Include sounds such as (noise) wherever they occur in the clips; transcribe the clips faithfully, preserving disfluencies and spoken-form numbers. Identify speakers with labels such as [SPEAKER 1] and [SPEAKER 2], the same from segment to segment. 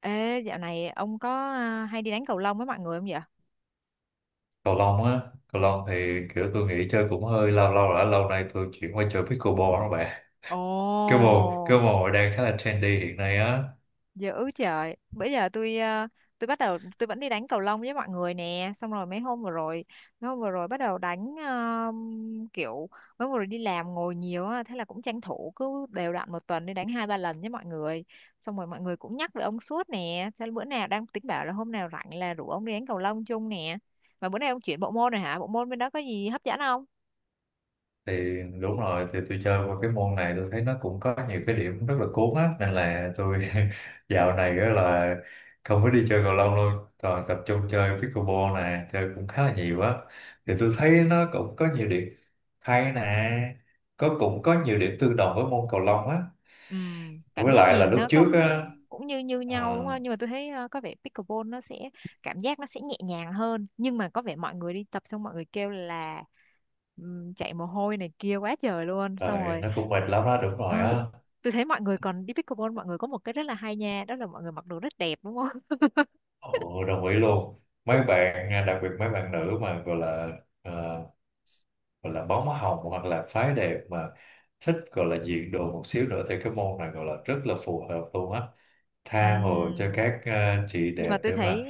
[SPEAKER 1] Ê, dạo này ông có à, hay đi đánh cầu lông với mọi người không vậy?
[SPEAKER 2] Cầu lông á. Cầu lông thì kiểu tôi nghĩ chơi cũng hơi lâu lâu rồi, lâu nay tôi chuyển qua chơi pickleball đó bạn. cái môn cái
[SPEAKER 1] Ồ,
[SPEAKER 2] môn này đang khá là trendy hiện nay á.
[SPEAKER 1] dữ trời. Bây giờ tôi à, tôi bắt đầu tôi vẫn đi đánh cầu lông với mọi người nè. Xong rồi mấy hôm vừa rồi, mấy hôm vừa rồi bắt đầu đánh à, kiểu mấy hôm vừa rồi đi làm ngồi nhiều á, thế là cũng tranh thủ cứ đều đặn một tuần đi đánh hai ba lần với mọi người. Xong rồi mọi người cũng nhắc về ông suốt nè, thế là bữa nào đang tính bảo là hôm nào rảnh là rủ ông đi đánh cầu lông chung nè. Mà bữa nay ông chuyển bộ môn rồi hả? Bộ môn bên đó có gì hấp dẫn không?
[SPEAKER 2] Thì đúng rồi, thì tôi chơi qua cái môn này tôi thấy nó cũng có nhiều cái điểm rất là cuốn á, nên là tôi (laughs) dạo này á là không có đi chơi cầu lông luôn, toàn tập trung chơi pickleball nè, chơi cũng khá là nhiều á. Thì tôi thấy nó cũng có nhiều điểm hay nè, có cũng có nhiều điểm tương đồng với môn cầu lông á.
[SPEAKER 1] Ừ, cảm
[SPEAKER 2] Với
[SPEAKER 1] giác
[SPEAKER 2] lại là
[SPEAKER 1] nhìn
[SPEAKER 2] lúc
[SPEAKER 1] nó cũng
[SPEAKER 2] trước á.
[SPEAKER 1] cũng như như
[SPEAKER 2] À,
[SPEAKER 1] nhau đúng không? Nhưng mà tôi thấy ờ, có vẻ pickleball nó sẽ cảm giác nó sẽ nhẹ nhàng hơn, nhưng mà có vẻ mọi người đi tập xong mọi người kêu là ừm, chạy mồ hôi này kia quá trời luôn, xong
[SPEAKER 2] Trời,
[SPEAKER 1] rồi
[SPEAKER 2] nó cũng mệt lắm đó, đúng
[SPEAKER 1] ừ,
[SPEAKER 2] rồi á.
[SPEAKER 1] tôi thấy mọi người còn đi pickleball, mọi người có một cái rất là hay nha, đó là mọi người mặc đồ rất đẹp đúng không? (laughs)
[SPEAKER 2] Ồ, đồng ý luôn. Mấy bạn, à, đặc biệt mấy bạn nữ mà gọi là à, gọi là bóng hồng hoặc là phái đẹp mà thích gọi là diện đồ một xíu nữa thì cái môn này gọi là rất là phù hợp luôn á.
[SPEAKER 1] Ừ,
[SPEAKER 2] Tha hồ cho các à, chị
[SPEAKER 1] nhưng
[SPEAKER 2] đẹp
[SPEAKER 1] mà tôi
[SPEAKER 2] để
[SPEAKER 1] thấy
[SPEAKER 2] mà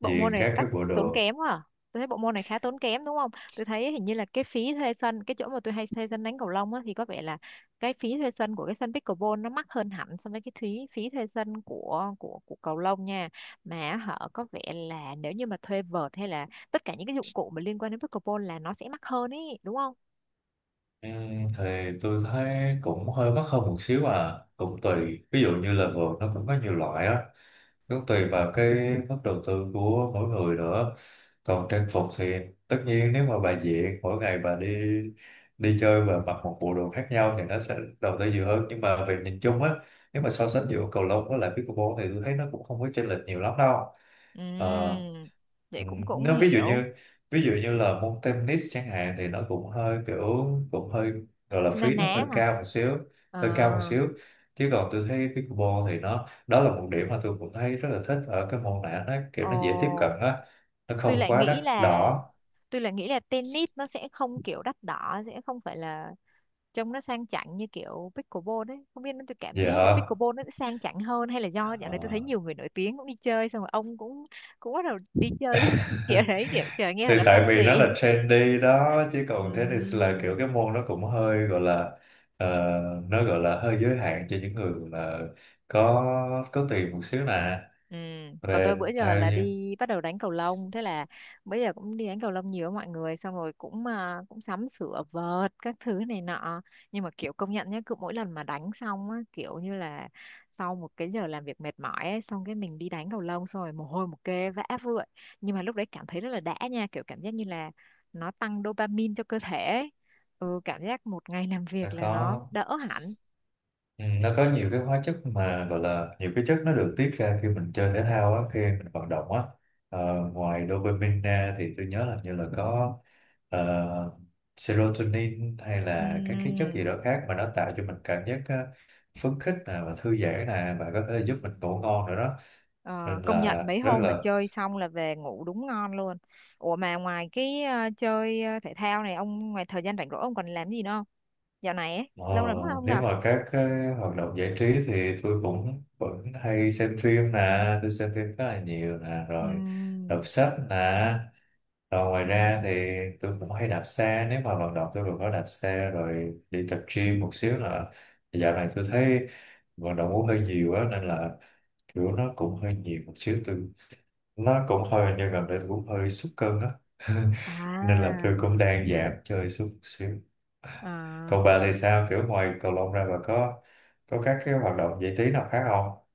[SPEAKER 1] bộ môn
[SPEAKER 2] diện
[SPEAKER 1] này
[SPEAKER 2] các cái
[SPEAKER 1] đắt
[SPEAKER 2] bộ
[SPEAKER 1] tốn
[SPEAKER 2] đồ.
[SPEAKER 1] kém quá à. Tôi thấy bộ môn này khá tốn kém đúng không? Tôi thấy hình như là cái phí thuê sân, cái chỗ mà tôi hay thuê sân đánh cầu lông á, thì có vẻ là cái phí thuê sân của cái sân pickleball nó mắc hơn hẳn so với cái phí phí thuê sân của của của cầu lông nha. Mà họ có vẻ là nếu như mà thuê vợt hay là tất cả những cái dụng cụ mà liên quan đến pickleball là nó sẽ mắc hơn ý, đúng không?
[SPEAKER 2] Ừm, thì tôi thấy cũng hơi mắc hơn một xíu à, cũng tùy. Ví dụ như là vợt nó cũng có nhiều loại á. Cũng tùy vào cái mức đầu tư của mỗi người nữa, còn trang phục thì tất nhiên nếu mà bà diện mỗi ngày bà đi đi chơi và mặc một bộ đồ khác nhau thì nó sẽ đầu tư nhiều hơn, nhưng mà về nhìn chung á, nếu mà so sánh giữa cầu lông với lại pickleball thì tôi thấy nó cũng không có chênh lệch nhiều lắm đâu. Ờ.
[SPEAKER 1] Ừm, vậy
[SPEAKER 2] Ừ.
[SPEAKER 1] cũng cũng
[SPEAKER 2] Nếu ví dụ
[SPEAKER 1] hiểu.
[SPEAKER 2] như ví dụ như là môn tennis chẳng hạn thì nó cũng hơi kiểu cũng hơi gọi là
[SPEAKER 1] Na
[SPEAKER 2] phí nó
[SPEAKER 1] ná
[SPEAKER 2] hơi
[SPEAKER 1] hả?
[SPEAKER 2] cao một xíu,
[SPEAKER 1] Ờ
[SPEAKER 2] hơi cao một xíu chứ còn tôi thấy pickleball thì nó đó là một điểm mà tôi cũng thấy rất là thích ở cái môn này, nó kiểu nó dễ tiếp cận
[SPEAKER 1] ồ
[SPEAKER 2] á, nó
[SPEAKER 1] tôi
[SPEAKER 2] không
[SPEAKER 1] lại
[SPEAKER 2] quá đắt
[SPEAKER 1] nghĩ là,
[SPEAKER 2] đỏ.
[SPEAKER 1] tôi là nghĩ là tennis nó sẽ không kiểu đắt đỏ, sẽ không phải là trông nó sang chảnh như kiểu pickleball đấy, không biết. Nó tôi cảm giác là
[SPEAKER 2] Dạ.
[SPEAKER 1] pickleball nó sẽ sang chảnh hơn, hay là do dạo này tôi thấy
[SPEAKER 2] Ờ.
[SPEAKER 1] nhiều người nổi tiếng cũng đi chơi xong rồi ông cũng cũng bắt đầu đi
[SPEAKER 2] (laughs)
[SPEAKER 1] chơi (laughs) kiểu đấy, kiểu trời nghe
[SPEAKER 2] Thì
[SPEAKER 1] là
[SPEAKER 2] tại vì nó
[SPEAKER 1] fancy.
[SPEAKER 2] là trendy đó, chứ còn tennis là kiểu
[SPEAKER 1] Ừm.
[SPEAKER 2] cái môn nó cũng hơi gọi là ờ, nó gọi là hơi giới hạn cho những người là có có tiền một xíu nè,
[SPEAKER 1] Ừ. Còn tôi
[SPEAKER 2] về
[SPEAKER 1] bữa giờ
[SPEAKER 2] theo
[SPEAKER 1] là
[SPEAKER 2] như
[SPEAKER 1] đi bắt đầu đánh cầu lông, thế là bữa giờ cũng đi đánh cầu lông nhiều với mọi người, xong rồi cũng à, cũng sắm sửa vợt các thứ này nọ. Nhưng mà kiểu, công nhận nhé, cứ mỗi lần mà đánh xong á, kiểu như là sau một cái giờ làm việc mệt mỏi ấy, xong cái mình đi đánh cầu lông xong rồi mồ hôi một kê vã vợi, nhưng mà lúc đấy cảm thấy rất là đã nha, kiểu cảm giác như là nó tăng dopamine cho cơ thể ấy. Ừ, cảm giác một ngày làm việc
[SPEAKER 2] đã
[SPEAKER 1] là nó
[SPEAKER 2] có.
[SPEAKER 1] đỡ hẳn.
[SPEAKER 2] Ừ, nó có nhiều cái hóa chất mà gọi là nhiều cái chất nó được tiết ra khi mình chơi thể thao á, khi mình vận động á. Ờ, ngoài dopamine ra thì tôi nhớ là như là có ờ, serotonin hay là các cái chất gì đó khác mà nó tạo cho mình cảm giác ờ, phấn khích nè và thư giãn nè và có
[SPEAKER 1] Ừ.
[SPEAKER 2] thể giúp mình ngủ ngon nữa đó,
[SPEAKER 1] Ờ,
[SPEAKER 2] nên
[SPEAKER 1] công nhận
[SPEAKER 2] là
[SPEAKER 1] mấy
[SPEAKER 2] rất
[SPEAKER 1] hôm mà
[SPEAKER 2] là.
[SPEAKER 1] chơi xong là về ngủ đúng ngon luôn. Ủa, mà ngoài cái ờ, chơi ờ, thể thao này, ông ngoài thời gian rảnh rỗi ông còn làm gì nữa không? Dạo này ấy,
[SPEAKER 2] Ờ,
[SPEAKER 1] lâu lắm rồi không
[SPEAKER 2] nếu
[SPEAKER 1] gặp.
[SPEAKER 2] mà các cái hoạt động giải trí thì tôi cũng vẫn hay xem phim nè, tôi xem phim khá là nhiều nè, rồi đọc
[SPEAKER 1] Ừm,
[SPEAKER 2] sách nè. Rồi ngoài ra thì
[SPEAKER 1] ừm.
[SPEAKER 2] tôi cũng hay đạp xe, nếu mà vận động tôi cũng có đạp xe rồi đi tập gym một xíu là dạo này tôi thấy vận động cũng hơi nhiều á nên là kiểu nó cũng hơi nhiều một xíu, tôi nó cũng hơi như gần đây tôi cũng hơi sút cân á. (laughs) Nên là
[SPEAKER 1] À,
[SPEAKER 2] tôi cũng đang giảm chơi xuống xíu.
[SPEAKER 1] Ờ,
[SPEAKER 2] Còn bà thì sao? Kiểu ngoài cầu lông ra bà có có các cái hoạt động giải trí nào khác không?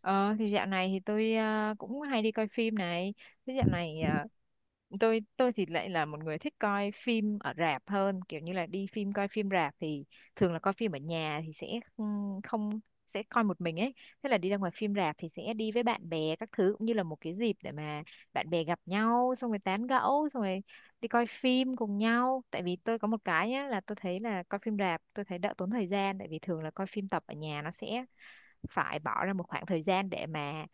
[SPEAKER 1] ờ, thì dạo này thì tôi ờ, cũng hay đi coi phim này. Thế dạo này ờ, tôi tôi thì lại là một người thích coi phim ở rạp hơn, kiểu như là đi phim, coi phim rạp thì, thường là coi phim ở nhà thì sẽ không không- sẽ coi một mình ấy, thế là đi ra ngoài phim rạp thì sẽ đi với bạn bè các thứ, cũng như là một cái dịp để mà bạn bè gặp nhau, xong rồi tán gẫu, xong rồi đi coi phim cùng nhau. Tại vì tôi có một cái nhá là tôi thấy là coi phim rạp tôi thấy đỡ tốn thời gian, tại vì thường là coi phim tập ở nhà nó sẽ phải bỏ ra một khoảng thời gian để mà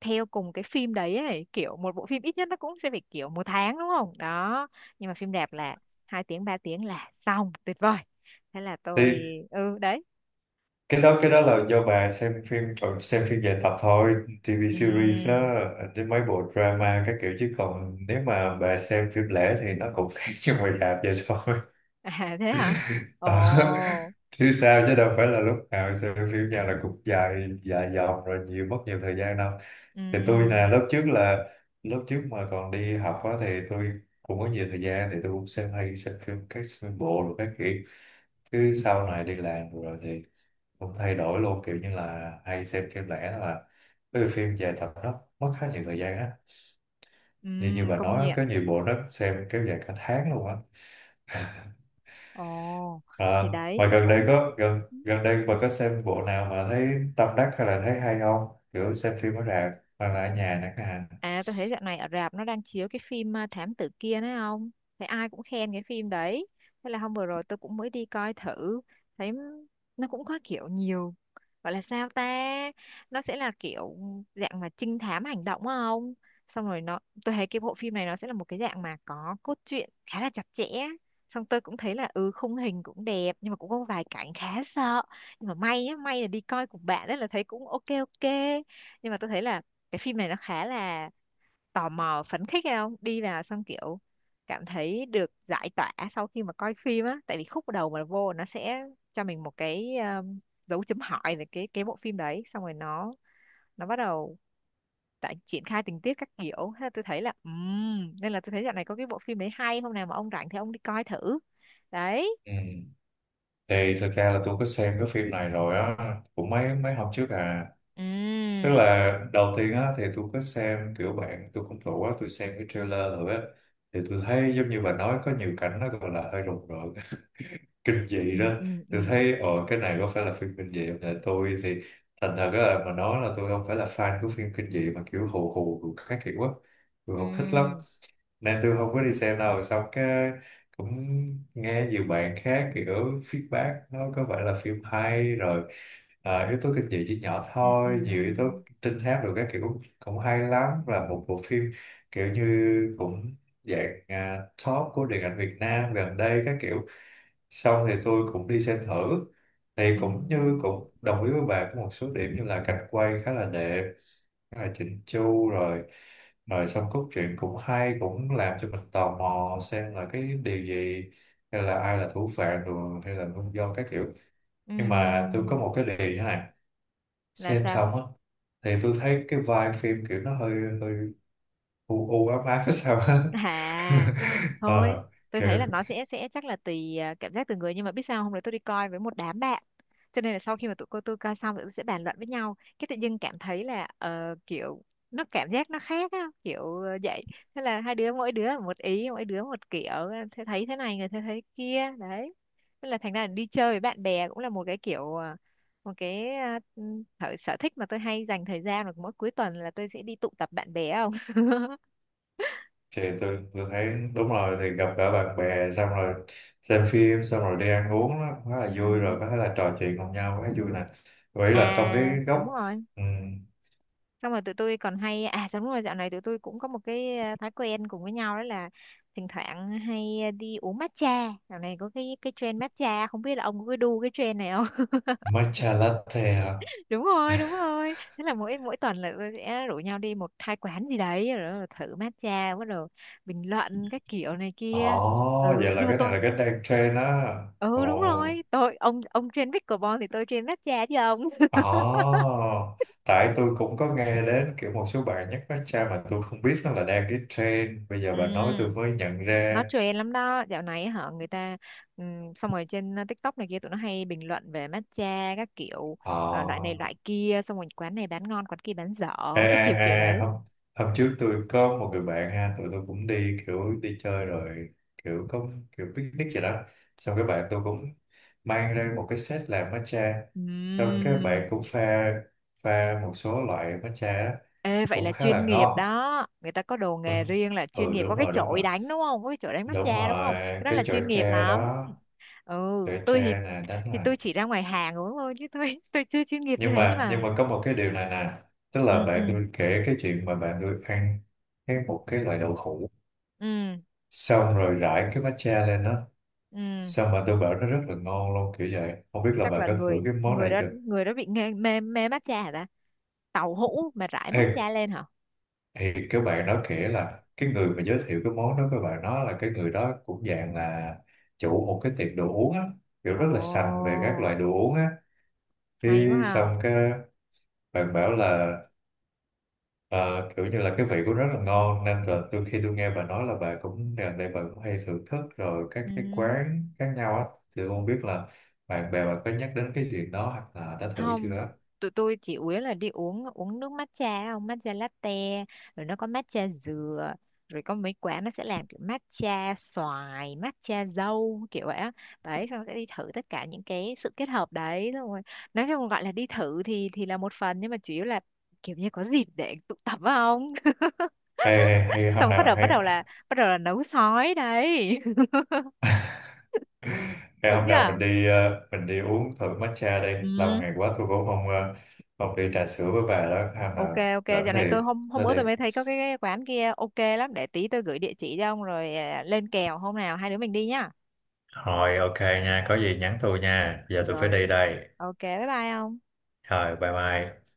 [SPEAKER 1] theo cùng cái phim đấy ấy, kiểu một bộ phim ít nhất nó cũng sẽ phải kiểu một tháng đúng không đó, nhưng mà phim đẹp là hai tiếng ba tiếng là xong, tuyệt vời. Thế là tôi,
[SPEAKER 2] Thì
[SPEAKER 1] ừ đấy.
[SPEAKER 2] cái đó cái đó là do bà xem phim còn xem phim dài tập thôi, ti vi series
[SPEAKER 1] Ừm.
[SPEAKER 2] á, chứ mấy bộ drama các kiểu, chứ còn nếu mà bà xem phim lẻ thì nó cũng khác (laughs) như ngoài rạp vậy thôi.
[SPEAKER 1] (laughs) À, thế hả?
[SPEAKER 2] (laughs) Ờ,
[SPEAKER 1] Ồ.
[SPEAKER 2] chứ sao chứ đâu phải là lúc nào sự phim nhà là cũng dài dài dòng rồi nhiều mất nhiều thời gian đâu. Thì tôi là
[SPEAKER 1] Ừm.
[SPEAKER 2] lớp trước là lớp trước mà còn đi học á thì tôi cũng có nhiều thời gian thì tôi cũng xem hay xem phim các phim bộ rồi các kiểu, chứ sau này đi làm rồi thì cũng thay đổi luôn kiểu như là hay xem phim lẻ, đó là cái phim dài tập nó mất khá nhiều thời gian á, như như
[SPEAKER 1] Ừm,
[SPEAKER 2] bà
[SPEAKER 1] công
[SPEAKER 2] nói
[SPEAKER 1] nhận.
[SPEAKER 2] có nhiều bộ nó xem kéo dài cả tháng luôn á.
[SPEAKER 1] Ồ,
[SPEAKER 2] À,
[SPEAKER 1] thì đấy
[SPEAKER 2] mà
[SPEAKER 1] tôi
[SPEAKER 2] gần đây
[SPEAKER 1] cũng.
[SPEAKER 2] có gần gần đây bà có xem bộ nào mà thấy tâm đắc hay là thấy hay không? Kiểu xem phim ở rạp hoặc là ở nhà chẳng hạn.
[SPEAKER 1] À, tôi thấy dạo này ở rạp nó đang chiếu cái phim à, Thám tử kia đấy không? Thấy ai cũng khen cái phim đấy. Thế là hôm vừa rồi tôi cũng mới đi coi thử. Thấy nó cũng có kiểu nhiều. Gọi là sao ta? Nó sẽ là kiểu dạng mà trinh thám hành động á không? Xong rồi nó Tôi thấy cái bộ phim này nó sẽ là một cái dạng mà có cốt truyện khá là chặt chẽ. Xong tôi cũng thấy là ừ khung hình cũng đẹp, nhưng mà cũng có vài cảnh khá sợ. Nhưng mà may á, may là đi coi cùng bạn đấy là thấy cũng ok ok. Nhưng mà tôi thấy là cái phim này nó khá là tò mò, phấn khích hay không đi vào xong kiểu cảm thấy được giải tỏa sau khi mà coi phim á, tại vì khúc đầu mà vô nó sẽ cho mình một cái um, dấu chấm hỏi về cái cái bộ phim đấy, xong rồi nó nó bắt đầu tại triển khai tình tiết các kiểu. Thế là tôi thấy là ừm, nên là tôi thấy dạo này có cái bộ phim đấy hay, hôm nào mà ông rảnh thì ông đi coi thử đấy.
[SPEAKER 2] Ừ. Thì thực ra là tôi có xem cái phim này rồi á, cũng mấy mấy hôm trước à. Tức
[SPEAKER 1] Ừm,
[SPEAKER 2] là đầu tiên á thì tôi có xem kiểu bạn tôi cũng rủ á, tôi xem cái trailer rồi á thì tôi thấy giống như bà nói có nhiều cảnh nó gọi là hơi rùng rợn (laughs) kinh dị đó.
[SPEAKER 1] ừm, ừm,
[SPEAKER 2] Tôi
[SPEAKER 1] ừm,
[SPEAKER 2] thấy ồ cái này có phải là phim kinh dị không? Tại tôi thì thành thật là mà nói là tôi không phải là fan của phim kinh dị mà kiểu hù hù hù các kiểu á, tôi không thích lắm.
[SPEAKER 1] ừm,
[SPEAKER 2] Nam tôi không có đi xem đâu, xong cái cũng nghe nhiều bạn khác kiểu feedback nó có vẻ là phim hay rồi, à, yếu tố kinh dị chỉ nhỏ
[SPEAKER 1] ừm,
[SPEAKER 2] thôi, nhiều yếu tố
[SPEAKER 1] ừm,
[SPEAKER 2] trinh thám rồi các kiểu cũng, cũng hay lắm, là một bộ phim kiểu như cũng dạng à, top của điện ảnh Việt Nam gần đây các kiểu. Xong thì tôi cũng đi xem thử thì cũng như
[SPEAKER 1] ừm,
[SPEAKER 2] cũng đồng ý với bà có một số điểm như là cảnh quay khá là đẹp, khá là chỉnh chu rồi, rồi xong cốt truyện cũng hay, cũng làm cho mình tò mò xem là cái điều gì hay là ai là thủ phạm rồi hay là nguyên do các kiểu. Nhưng mà tôi có
[SPEAKER 1] ừm.
[SPEAKER 2] một cái điều như thế này,
[SPEAKER 1] Là
[SPEAKER 2] xem
[SPEAKER 1] sao?
[SPEAKER 2] xong á thì tôi thấy cái vibe phim kiểu nó hơi hơi u u ám ám (laughs) sao á.
[SPEAKER 1] À
[SPEAKER 2] (laughs)
[SPEAKER 1] thôi,
[SPEAKER 2] Ờ,
[SPEAKER 1] tôi
[SPEAKER 2] kiểu
[SPEAKER 1] thấy là nó sẽ sẽ chắc là tùy à, cảm giác từng người, nhưng mà biết sao, hôm đấy tôi đi coi với một đám bạn cho nên là sau khi mà tụi cô tôi coi xong tụi tôi sẽ bàn luận với nhau, cái tự dưng cảm thấy là ờ, kiểu nó cảm giác nó khác á, kiểu ờ, vậy. Thế là hai đứa, mỗi đứa một ý, mỗi đứa một kiểu, thế thấy thế này, người thế thấy kia đấy. Thế là thành ra là đi chơi với bạn bè cũng là một cái kiểu ờ, một cái ờ, thử sở thích mà tôi hay dành thời gian, là mỗi cuối tuần là tôi sẽ đi tụ tập bạn bè không (laughs)
[SPEAKER 2] thì tôi tôi thấy đúng rồi, thì gặp cả bạn bè xong rồi xem phim xong rồi đi ăn uống nó khá là
[SPEAKER 1] Ừ,
[SPEAKER 2] vui, rồi có thể là trò chuyện cùng nhau khá vui nè, vậy là trong cái
[SPEAKER 1] à đúng
[SPEAKER 2] góc.
[SPEAKER 1] rồi.
[SPEAKER 2] um,
[SPEAKER 1] Xong rồi tụi tôi còn hay, à đúng rồi, dạo này tụi tôi cũng có một cái ờ, thói quen cùng với nhau, đó là thỉnh thoảng hay ờ, đi uống matcha. Dạo này có cái cái trend matcha, không biết là ông có đu cái trend này không.
[SPEAKER 2] Matcha latte hả?
[SPEAKER 1] (laughs) Đúng rồi,
[SPEAKER 2] (laughs)
[SPEAKER 1] đúng rồi, thế là mỗi mỗi tuần là tôi sẽ rủ nhau đi một hai quán gì đấy, rồi thử matcha, bắt đầu bình luận các kiểu này
[SPEAKER 2] Ồ,
[SPEAKER 1] kia. Ừ,
[SPEAKER 2] vậy là
[SPEAKER 1] nhưng mà
[SPEAKER 2] cái này
[SPEAKER 1] tôi,
[SPEAKER 2] là cái đang trend á. Ồ,
[SPEAKER 1] ừ đúng rồi tôi, Ông ông trend pickleball thì tôi trend matcha chứ ông (laughs)
[SPEAKER 2] ồ, tại tôi cũng có nghe đến kiểu một số bạn nhắc matcha mà tôi không biết nó là đang cái trend. Bây giờ bà nói tôi
[SPEAKER 1] Ừ,
[SPEAKER 2] mới nhận
[SPEAKER 1] nó
[SPEAKER 2] ra.
[SPEAKER 1] trend lắm đó dạo này hả người ta, ừm, xong rồi trên uh, TikTok này kia tụi nó hay bình luận về matcha các kiểu, ờ, loại này loại
[SPEAKER 2] Ồ.
[SPEAKER 1] kia, xong rồi quán này bán ngon quán kia bán dở,
[SPEAKER 2] À,
[SPEAKER 1] cái kiểu kiểu
[SPEAKER 2] à, à,
[SPEAKER 1] đấy.
[SPEAKER 2] hôm, hôm trước tôi có một người bạn ha, tụi tôi cũng đi kiểu đi chơi rồi, kiểu có kiểu picnic vậy đó. Xong cái bạn tôi cũng mang ra một cái set làm matcha. Xong cái
[SPEAKER 1] Ừm.
[SPEAKER 2] bạn cũng pha pha một số loại matcha á,
[SPEAKER 1] Ê, vậy
[SPEAKER 2] cũng
[SPEAKER 1] là
[SPEAKER 2] khá
[SPEAKER 1] chuyên
[SPEAKER 2] là
[SPEAKER 1] nghiệp
[SPEAKER 2] ngon.
[SPEAKER 1] đó, người ta có đồ
[SPEAKER 2] Ừ,
[SPEAKER 1] nghề riêng là chuyên
[SPEAKER 2] ừ,
[SPEAKER 1] nghiệp,
[SPEAKER 2] đúng
[SPEAKER 1] có cái
[SPEAKER 2] rồi, đúng
[SPEAKER 1] chổi
[SPEAKER 2] rồi.
[SPEAKER 1] đánh đúng không, có cái chổi đánh
[SPEAKER 2] Đúng
[SPEAKER 1] matcha đúng không,
[SPEAKER 2] rồi,
[SPEAKER 1] cái đó
[SPEAKER 2] cái
[SPEAKER 1] là chuyên
[SPEAKER 2] chổi
[SPEAKER 1] nghiệp
[SPEAKER 2] tre
[SPEAKER 1] lắm.
[SPEAKER 2] đó,
[SPEAKER 1] Ừ,
[SPEAKER 2] chổi
[SPEAKER 1] tôi thì,
[SPEAKER 2] tre này đánh
[SPEAKER 1] thì
[SPEAKER 2] là.
[SPEAKER 1] tôi chỉ ra ngoài hàng uống thôi chứ tôi (laughs) tôi chưa chuyên nghiệp như
[SPEAKER 2] Nhưng
[SPEAKER 1] thế, nhưng
[SPEAKER 2] mà
[SPEAKER 1] mà
[SPEAKER 2] nhưng mà có một cái điều này nè, tức
[SPEAKER 1] ừ,
[SPEAKER 2] là
[SPEAKER 1] ừ,
[SPEAKER 2] bạn tôi kể cái chuyện mà bạn tôi ăn cái một cái loại đậu hũ
[SPEAKER 1] ừ,
[SPEAKER 2] xong rồi rải cái matcha lên đó,
[SPEAKER 1] ừ,
[SPEAKER 2] xong mà tôi bảo nó rất là ngon luôn kiểu vậy, không biết là
[SPEAKER 1] chắc
[SPEAKER 2] bà
[SPEAKER 1] là
[SPEAKER 2] có thử
[SPEAKER 1] người
[SPEAKER 2] cái món
[SPEAKER 1] người
[SPEAKER 2] này
[SPEAKER 1] đó
[SPEAKER 2] chưa.
[SPEAKER 1] người đó bị nghe, mê mê matcha hả ta, tàu hũ mà rải
[SPEAKER 2] Ê,
[SPEAKER 1] matcha lên hả?
[SPEAKER 2] thì các bạn đó kể là cái người mà giới thiệu cái món đó, các bạn nói là cái người đó cũng dạng là chủ một cái tiệm đồ uống á, kiểu
[SPEAKER 1] Ồ,
[SPEAKER 2] rất là sành về các loại đồ uống á,
[SPEAKER 1] hay quá
[SPEAKER 2] thì
[SPEAKER 1] ha.
[SPEAKER 2] xong cái bạn bảo là Ờ, kiểu như là cái vị của nó rất là ngon, nên là tôi khi tôi nghe bà nói là bà cũng gần đây bà cũng hay thưởng thức rồi các cái
[SPEAKER 1] Ừ,
[SPEAKER 2] quán khác nhau á, thì tôi không biết là bạn bè bà có nhắc đến cái chuyện đó hoặc là đã thử chưa
[SPEAKER 1] không,
[SPEAKER 2] á.
[SPEAKER 1] tụi tôi chỉ uống là đi uống uống nước matcha không, matcha latte, rồi nó có matcha dừa, rồi có mấy quán nó sẽ làm kiểu matcha xoài matcha dâu kiểu vậy á, đấy, xong sẽ đi thử tất cả những cái sự kết hợp đấy, xong rồi nói chung gọi là đi thử thì thì là một phần, nhưng mà chủ yếu là kiểu như có dịp để tụ tập phải không,
[SPEAKER 2] Hay, hay, hay hôm
[SPEAKER 1] xong bắt
[SPEAKER 2] nào
[SPEAKER 1] đầu bắt
[SPEAKER 2] hay
[SPEAKER 1] đầu là
[SPEAKER 2] (laughs)
[SPEAKER 1] bắt đầu là nấu sói đấy (laughs)
[SPEAKER 2] hay
[SPEAKER 1] đúng
[SPEAKER 2] hôm nào mình
[SPEAKER 1] chưa?
[SPEAKER 2] đi ờ, mình đi uống thử matcha đi, lâu
[SPEAKER 1] Ừ,
[SPEAKER 2] ngày quá tôi cũng không ờ, không đi trà sữa với bà đó, hôm
[SPEAKER 1] ok
[SPEAKER 2] nào
[SPEAKER 1] ok,
[SPEAKER 2] rảnh
[SPEAKER 1] dạo
[SPEAKER 2] thì
[SPEAKER 1] này tôi, hôm hôm
[SPEAKER 2] nó
[SPEAKER 1] bữa
[SPEAKER 2] đi.
[SPEAKER 1] tôi mới thấy có cái, cái quán kia ok lắm, để tí tôi gửi địa chỉ cho ông rồi à, lên kèo hôm nào hai đứa mình đi nhá.
[SPEAKER 2] Rồi ok nha, có gì nhắn tôi nha. Giờ tôi phải
[SPEAKER 1] Rồi
[SPEAKER 2] đi đây.
[SPEAKER 1] ok, bye bye ông.
[SPEAKER 2] Rồi bye bye.